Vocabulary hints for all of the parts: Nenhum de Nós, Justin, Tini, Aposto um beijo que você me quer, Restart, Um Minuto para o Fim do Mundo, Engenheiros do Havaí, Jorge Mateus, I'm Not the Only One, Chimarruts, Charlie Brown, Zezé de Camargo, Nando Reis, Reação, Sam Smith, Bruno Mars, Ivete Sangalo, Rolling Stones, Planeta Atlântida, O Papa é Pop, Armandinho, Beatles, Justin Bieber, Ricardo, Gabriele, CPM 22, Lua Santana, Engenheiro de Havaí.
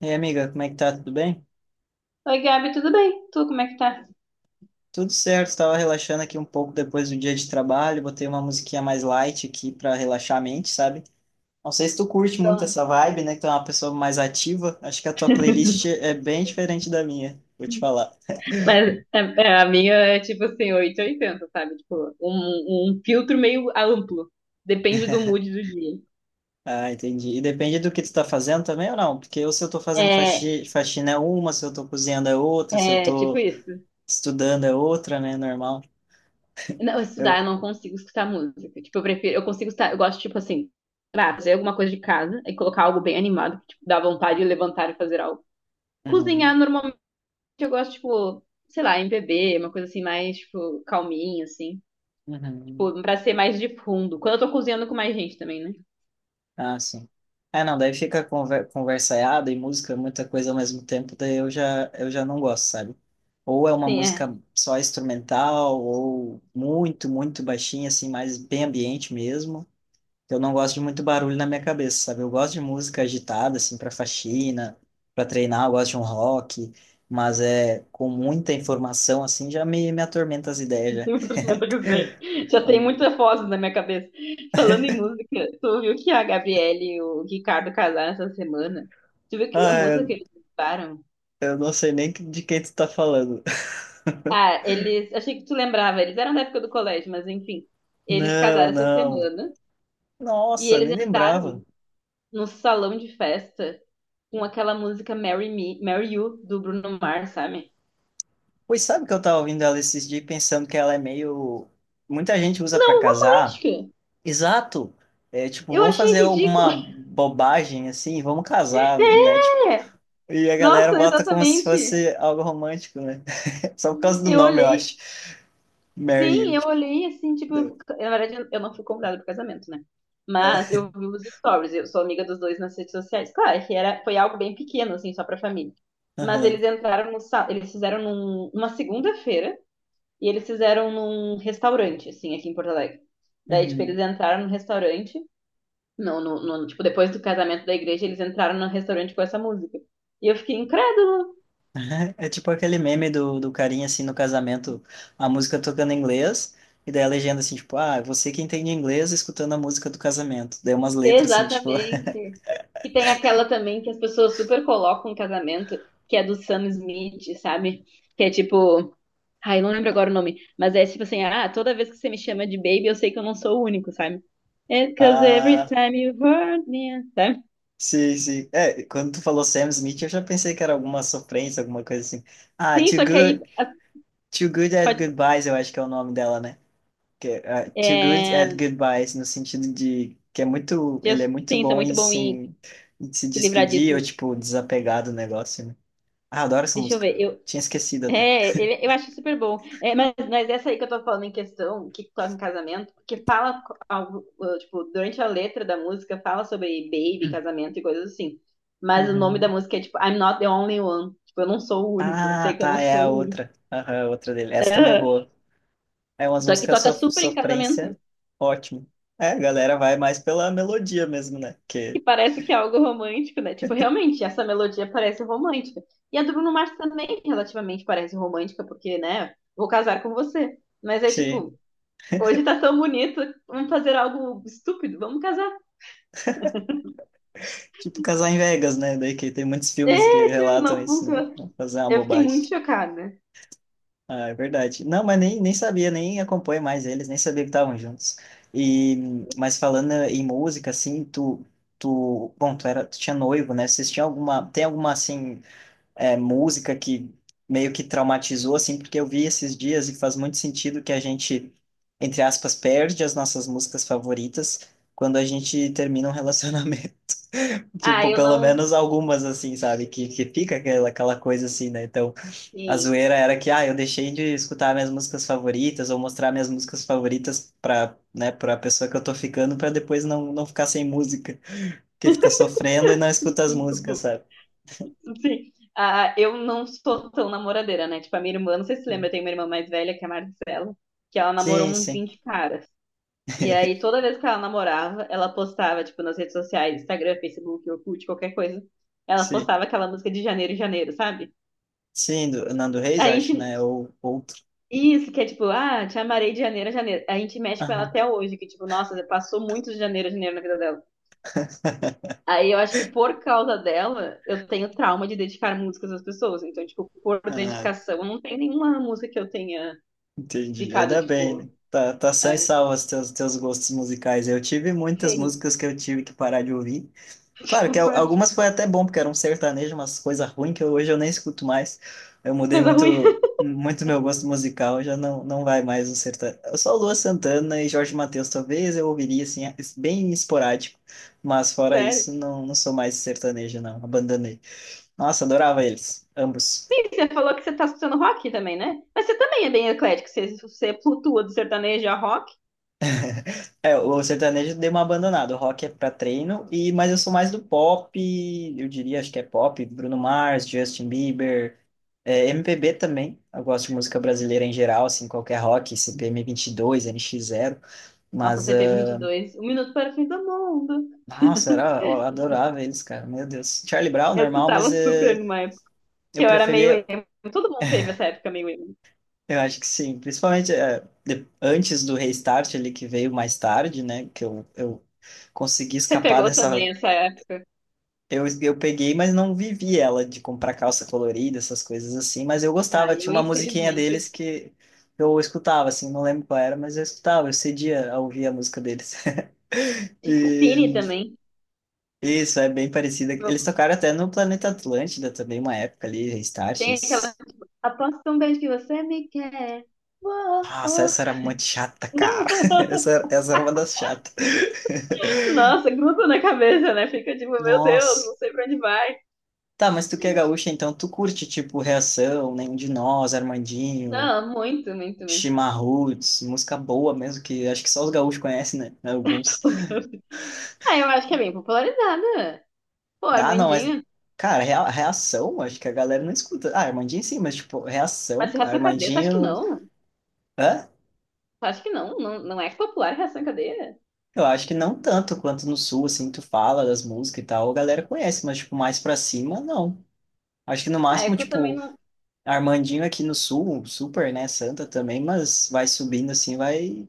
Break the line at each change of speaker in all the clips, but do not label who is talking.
E aí, amiga, como é que tá? Tudo bem?
Oi, Gabi, tudo bem? Tu, como é que tá?
Tudo certo, estava relaxando aqui um pouco depois do dia de trabalho, botei uma musiquinha mais light aqui para relaxar a mente, sabe? Não sei se tu curte muito
Então,
essa vibe, né? Que tu é uma pessoa mais ativa. Acho que a tua playlist é bem diferente da minha, vou te falar.
mas é, a minha é tipo assim, 880, sabe? Tipo, um filtro meio amplo. Depende do mood do dia.
Ah, entendi. E depende do que tu tá fazendo também ou não? Porque ou se eu tô fazendo
É,
faxina é uma, se eu tô cozinhando é outra, se eu
é tipo
tô
isso.
estudando é outra, né? Normal.
Não, estudar, eu
Eu...
não consigo escutar música. Tipo, eu prefiro, eu consigo escutar, eu gosto, tipo assim, pra fazer alguma coisa de casa e colocar algo bem animado, que, tipo, dá vontade de levantar e fazer algo.
Uhum,
Cozinhar, normalmente, eu gosto, tipo, sei lá, MPB, uma coisa assim, mais, tipo, calminha, assim.
uhum.
Tipo, pra ser mais de fundo. Quando eu tô cozinhando com mais gente também, né?
Ah, sim. É, não, daí fica conversaiada e música, muita coisa ao mesmo tempo, daí eu já não gosto, sabe? Ou é uma
Sim, é.
música só instrumental, ou muito, muito baixinha, assim, mais bem ambiente mesmo. Eu não gosto de muito barulho na minha cabeça, sabe? Eu gosto de música agitada, assim, para faxina, para treinar, eu gosto de um rock, mas é com muita informação, assim, já me atormenta as ideias, já.
Primeiro eu sei. Já tem muita foto na minha cabeça. Falando em música, tu viu que a Gabriele e o Ricardo casaram essa semana? Tu viu que a
Ah,
música que
eu,
eles participaram?
eu não sei nem de quem tu tá falando.
Ah, eles. Achei que tu lembrava, eles eram da época do colégio, mas enfim. Eles
Não,
casaram essa
não.
semana e
Nossa,
eles
nem
entraram
lembrava.
no salão de festa com aquela música Marry Me, Marry You, do Bruno Mars, sabe?
Pois sabe que eu tava ouvindo ela esses dias e pensando que ela é meio. Muita gente usa pra
Não,
casar.
romântica!
Exato. É, tipo,
Eu
vamos
achei
fazer
ridículo.
alguma bobagem assim, vamos casar, né? Tipo,
É!
e a galera
Nossa,
bota como se
exatamente.
fosse algo romântico, né? Só por causa do
Eu
nome, eu
olhei.
acho. Marry you.
Sim, eu
Tipo,
olhei assim, tipo,
deu.
na verdade eu não fui convidada pro casamento, né? Mas eu vi os stories, eu sou amiga dos dois nas redes sociais. Claro que era, foi algo bem pequeno, assim, só pra família. Mas
Aham.
eles entraram no, sa- eles fizeram uma segunda-feira e eles fizeram num restaurante, assim, aqui em Porto Alegre. Daí, tipo, eles
Uhum.
entraram no restaurante, tipo, depois do casamento da igreja, eles entraram no restaurante com essa música. E eu fiquei incrédula.
É tipo aquele meme do carinha assim no casamento, a música tocando em inglês. E daí a legenda assim, tipo, ah, você que entende inglês escutando a música do casamento. Daí umas letras assim, tipo,
Exatamente. E tem aquela também que as pessoas super colocam no casamento, que é do Sam Smith, sabe? Que é tipo, ai, não lembro agora o nome, mas é tipo assim, ah, toda vez que você me chama de baby, eu sei que eu não sou o único, sabe? It's cause every
ah,
time you hurt me, sabe?
sim, sim. É, quando tu falou Sam Smith, eu já pensei que era alguma sofrência, alguma coisa assim. Ah,
Sim,
Too
só que
Good,
aí
Too Good at
pode,
Goodbyes, eu acho que é o nome dela, né? Que, ah, Too Good at
é,
Goodbyes, no sentido de que é muito, ele é muito
Justin é
bom em
muito bom
se,
em
em se
se livrar
despedir ou,
disso.
tipo, desapegar do negócio, né? Ah, adoro essa
Deixa eu
música.
ver. Eu
Tinha esquecido até.
É, eu acho super bom. É, mas essa aí que eu tô falando em questão, que toca em casamento, porque fala algo, tipo, durante a letra da música fala sobre baby, casamento e coisas assim. Mas o nome da
Uhum.
música é tipo I'm Not the Only One. Tipo, eu não sou o único. Eu
Ah,
sei que eu não
tá, é a
sou o único.
outra. Aham, a outra dele. Essa também é
Aham.
boa. É umas
Só que
músicas
toca super em casamento,
sofrência, ótimo. É, a galera vai mais pela melodia mesmo, né? Que,
que parece que é algo romântico, né? Tipo, realmente, essa melodia parece romântica. E a do Bruno Mars também relativamente parece romântica, porque, né, vou casar com você. Mas é
sim,
tipo. Hoje tá tão bonito, vamos fazer algo estúpido, vamos casar.
tipo casar em Vegas, né? Daí que tem muitos filmes que
É, tipo,
relatam
não
isso,
funciona.
né? Fazer uma
Eu fiquei muito
bobagem.
chocada.
Ah, é verdade. Não, mas nem sabia, nem acompanho mais eles, nem sabia que estavam juntos. E, mas falando em música, assim, tu, bom, tu era, tu tinha noivo, né? Vocês tinham alguma, tem alguma, assim, é, música que meio que traumatizou, assim, porque eu vi esses dias e faz muito sentido que a gente, entre aspas, perde as nossas músicas favoritas quando a gente termina um relacionamento.
Ah,
Tipo,
eu
pelo
não.
menos algumas, assim, sabe? Que fica aquela, coisa assim, né? Então, a
Sim.
zoeira era que, ah, eu deixei de escutar minhas músicas favoritas ou mostrar minhas músicas favoritas pra, né, pra pessoa que eu tô ficando, pra depois não ficar sem música. Porque fica sofrendo e não escuta as músicas, sabe?
Sim. Ah, eu não sou tão namoradeira, né? Tipo, a minha irmã, não sei se você lembra, eu tenho uma irmã mais velha, que é a Marcela, que ela namorou
Sim,
uns
sim,
20 caras. E aí, toda vez que ela namorava, ela postava, tipo, nas redes sociais, Instagram, Facebook, Orkut, qualquer coisa. Ela
sim.
postava aquela música de Janeiro, Janeiro, sabe?
Sim, do Nando Reis,
A
acho,
gente
né? Ou outro.
isso, que é tipo, ah, te amarei de janeiro a janeiro. A gente mexe com ela até hoje, que tipo, nossa, passou muito de janeiro a janeiro na vida dela. Aí eu acho que por causa dela, eu tenho trauma de dedicar músicas às pessoas. Então, tipo, por
Ah,
dedicação, não tem nenhuma música que eu tenha
entendi.
ficado,
Ainda bem,
tipo,
né? Tá
ah,
só em salvo os teus gostos musicais. Eu tive muitas
gente,
músicas que eu tive que parar de ouvir. Claro que algumas foi até bom, porque era um sertanejo, umas coisas ruins que hoje eu nem escuto mais. Eu mudei
coisa ruim,
muito meu gosto musical, já não vai mais um sertanejo. Só Lua Santana e Jorge Mateus, talvez eu ouviria, assim, bem esporádico. Mas fora
sério.
isso, não sou mais sertanejo, não. Abandonei. Nossa, adorava eles, ambos.
Sim, você falou que você tá escutando rock também, né? Mas você também é bem eclético, você, você flutua do sertanejo a rock.
É, o sertanejo deu uma abandonada. O rock é pra treino, e mas eu sou mais do pop, eu diria, acho que é pop, Bruno Mars, Justin Bieber, é, MPB também. Eu gosto de música brasileira em geral, assim, qualquer rock, CPM 22, NX zero.
Nossa,
Mas,
CPM
ah,
22, Um Minuto para o Fim do Mundo.
nossa, era, eu adorava eles, cara, meu Deus. Charlie Brown,
Eu
normal,
escutava
mas
super numa. Que
eu
eu era meio
preferia,
emo. Todo mundo teve essa época meio emo.
eu acho que sim, principalmente antes do Restart, ele que veio mais tarde, né, que eu consegui
Você
escapar
pegou também
dessa.
essa época?
Eu peguei, mas não vivi ela de comprar calça colorida, essas coisas assim, mas eu gostava,
Ah,
tinha
eu
uma musiquinha
infelizmente eu
deles que eu escutava, assim, não lembro qual era, mas eu escutava, eu cedia a ouvir a música deles.
tinha Tini
E
também.
isso, é bem parecida. Eles tocaram até no Planeta Atlântida também, uma época ali, Restart.
Tem aquela. Aposto um beijo que você me quer. Uou,
Nossa,
uou.
essa era muito chata, cara. Essa era uma das chatas.
Nossa, gruda na cabeça, né? Fica tipo, meu Deus, não
Nossa.
sei pra onde vai.
Tá, mas tu que é gaúcha, então tu curte, tipo, Reação, Nenhum de Nós, Armandinho,
Não, muito, muito, muito.
Chimarruts, música boa mesmo, que acho que só os gaúchos conhecem, né? Né, alguns.
Ah, eu acho que é bem popularizada. Pô,
Ah, não, mas,
Armandinho.
cara, reação, acho que a galera não escuta. Ah, Armandinho sim, mas, tipo,
Mas
reação,
se Reação em Cadeia, tu acha que
Armandinho.
não? Tu
Hã?
acha que não? Não, não é popular Reação em Cadeia?
Eu acho que não tanto quanto no sul, assim, tu fala das músicas e tal, a galera conhece, mas, tipo, mais pra cima, não. Acho que no
Ah, é
máximo,
que eu também
tipo,
não.
Armandinho aqui no sul, super, né? Santa também, mas vai subindo assim, vai.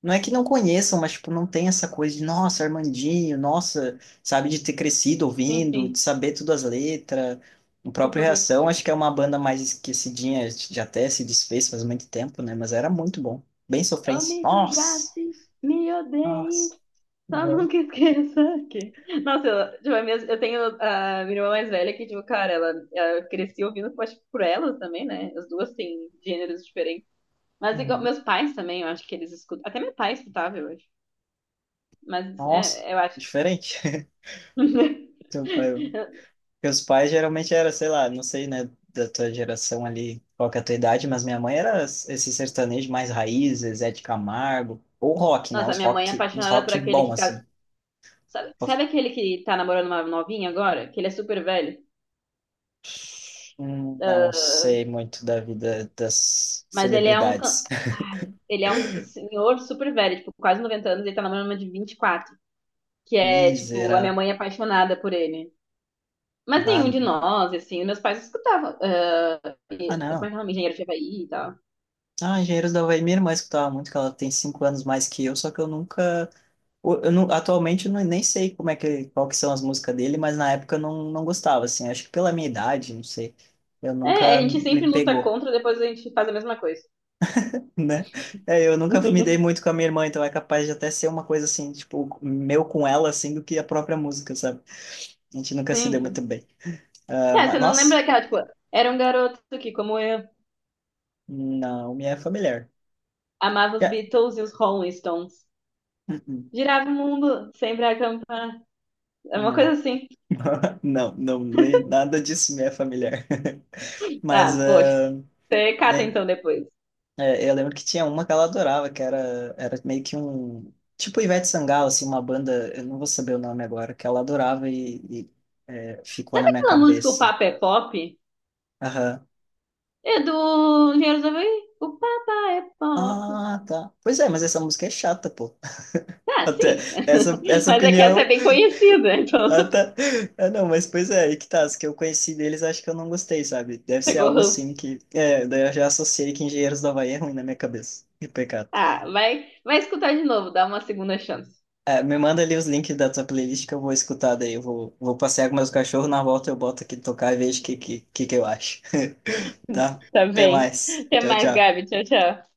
Não é que não conheçam, mas, tipo, não tem essa coisa de, nossa, Armandinho, nossa, sabe, de ter crescido
Sim,
ouvindo,
sim.
de saber todas as letras. O próprio
Foi.
Reação, acho que é uma banda mais esquecidinha, já até se desfez faz muito tempo, né? Mas era muito bom. Bem
Oh,
sofrência.
me
Nossa!
desgrace, me odeie,
Nossa!
só
Uhum.
nunca esqueça que. Nossa, eu, tipo, eu tenho a minha irmã mais velha que, tipo, cara, ela crescia ouvindo Pode por elas também, né? As duas têm gêneros diferentes. Mas igual,
Uhum.
meus pais também, eu acho que eles escutam. Até meu pai escutava, eu acho. Mas
Nossa!
é, eu acho.
Diferente. Então, pai, porque os pais geralmente era, sei lá, não sei, né, da tua geração ali, qual que é a tua idade, mas minha mãe era esse sertanejo mais raiz, Zezé de Camargo, ou rock, né,
Nossa, minha mãe é
uns
apaixonada por
rock
aquele
bom,
que.
assim.
Sabe, sabe aquele que tá namorando uma novinha agora? Que ele é super velho?
Não
Ah,
sei muito da vida das
mas ele é um.
celebridades.
Ai, ele é um senhor super velho, tipo, quase 90 anos, ele tá namorando uma de 24. Que é, tipo, a minha
Miserável.
mãe é apaixonada por ele. Mas nenhum de nós, assim, meus pais escutavam. Ah,
Ah,
como é
não.
que é o nome? Engenheiro de Havaí e tal.
Ah, Engenheiros do Havaí, minha irmã escutava muito, que ela tem 5 anos mais que eu, só que eu nunca. Eu não, atualmente eu não, nem sei como é que, qual que são as músicas dele, mas na época eu não gostava, assim. Acho que pela minha idade, não sei. Eu
É, a
nunca
gente
me
sempre luta
pegou,
contra, depois a gente faz a mesma coisa.
né? É, eu nunca me dei muito com a minha irmã, então é capaz de até ser uma coisa assim, tipo, meu com ela, assim, do que a própria música, sabe? A gente nunca se
Sim,
deu
sim.
muito bem. Ah,
Tá,
mas,
você não lembra
nossa,
daquela, tipo, era um garoto que, como eu,
não me é familiar.
amava os
Já-
Beatles e os Rolling Stones.
Hum, hum,
Girava o mundo, sempre a acampar. É uma coisa
Não.
assim.
Não, não, nem nada disso me é familiar. Mas,
Ah, poxa.
ah,
Você cata
né,
então depois.
é, eu lembro que tinha uma que ela adorava, que era meio que um. Tipo Ivete Sangalo, assim, uma banda, eu não vou saber o nome agora, que ela adorava e, é, ficou na
Sabe
minha
aquela música O
cabeça.
Papa é Pop?
Aham.
É do Engenheiros do O Papa é Pop.
Ah, tá. Pois é, mas essa música é chata, pô.
Ah,
Até
sim.
essa, essa
Mas é que essa é
opinião.
bem conhecida, então.
Ah, tá. Ah, não, mas pois é, aí que tá. As que eu conheci deles, acho que eu não gostei, sabe? Deve ser
Pegou
algo assim
ranço.
que. É, daí eu já associei que Engenheiros do Havaí é ruim na minha cabeça. Que pecado.
Ah, vai, vai escutar de novo, dá uma segunda chance.
É, me manda ali os links da tua playlist que eu vou escutar daí. Eu vou passear com meus cachorros, na volta eu boto aqui tocar e vejo o que que eu acho. Tá?
Tá
Até
bem.
mais.
Até
Tchau,
mais,
tchau.
Gabi. Tchau, tchau.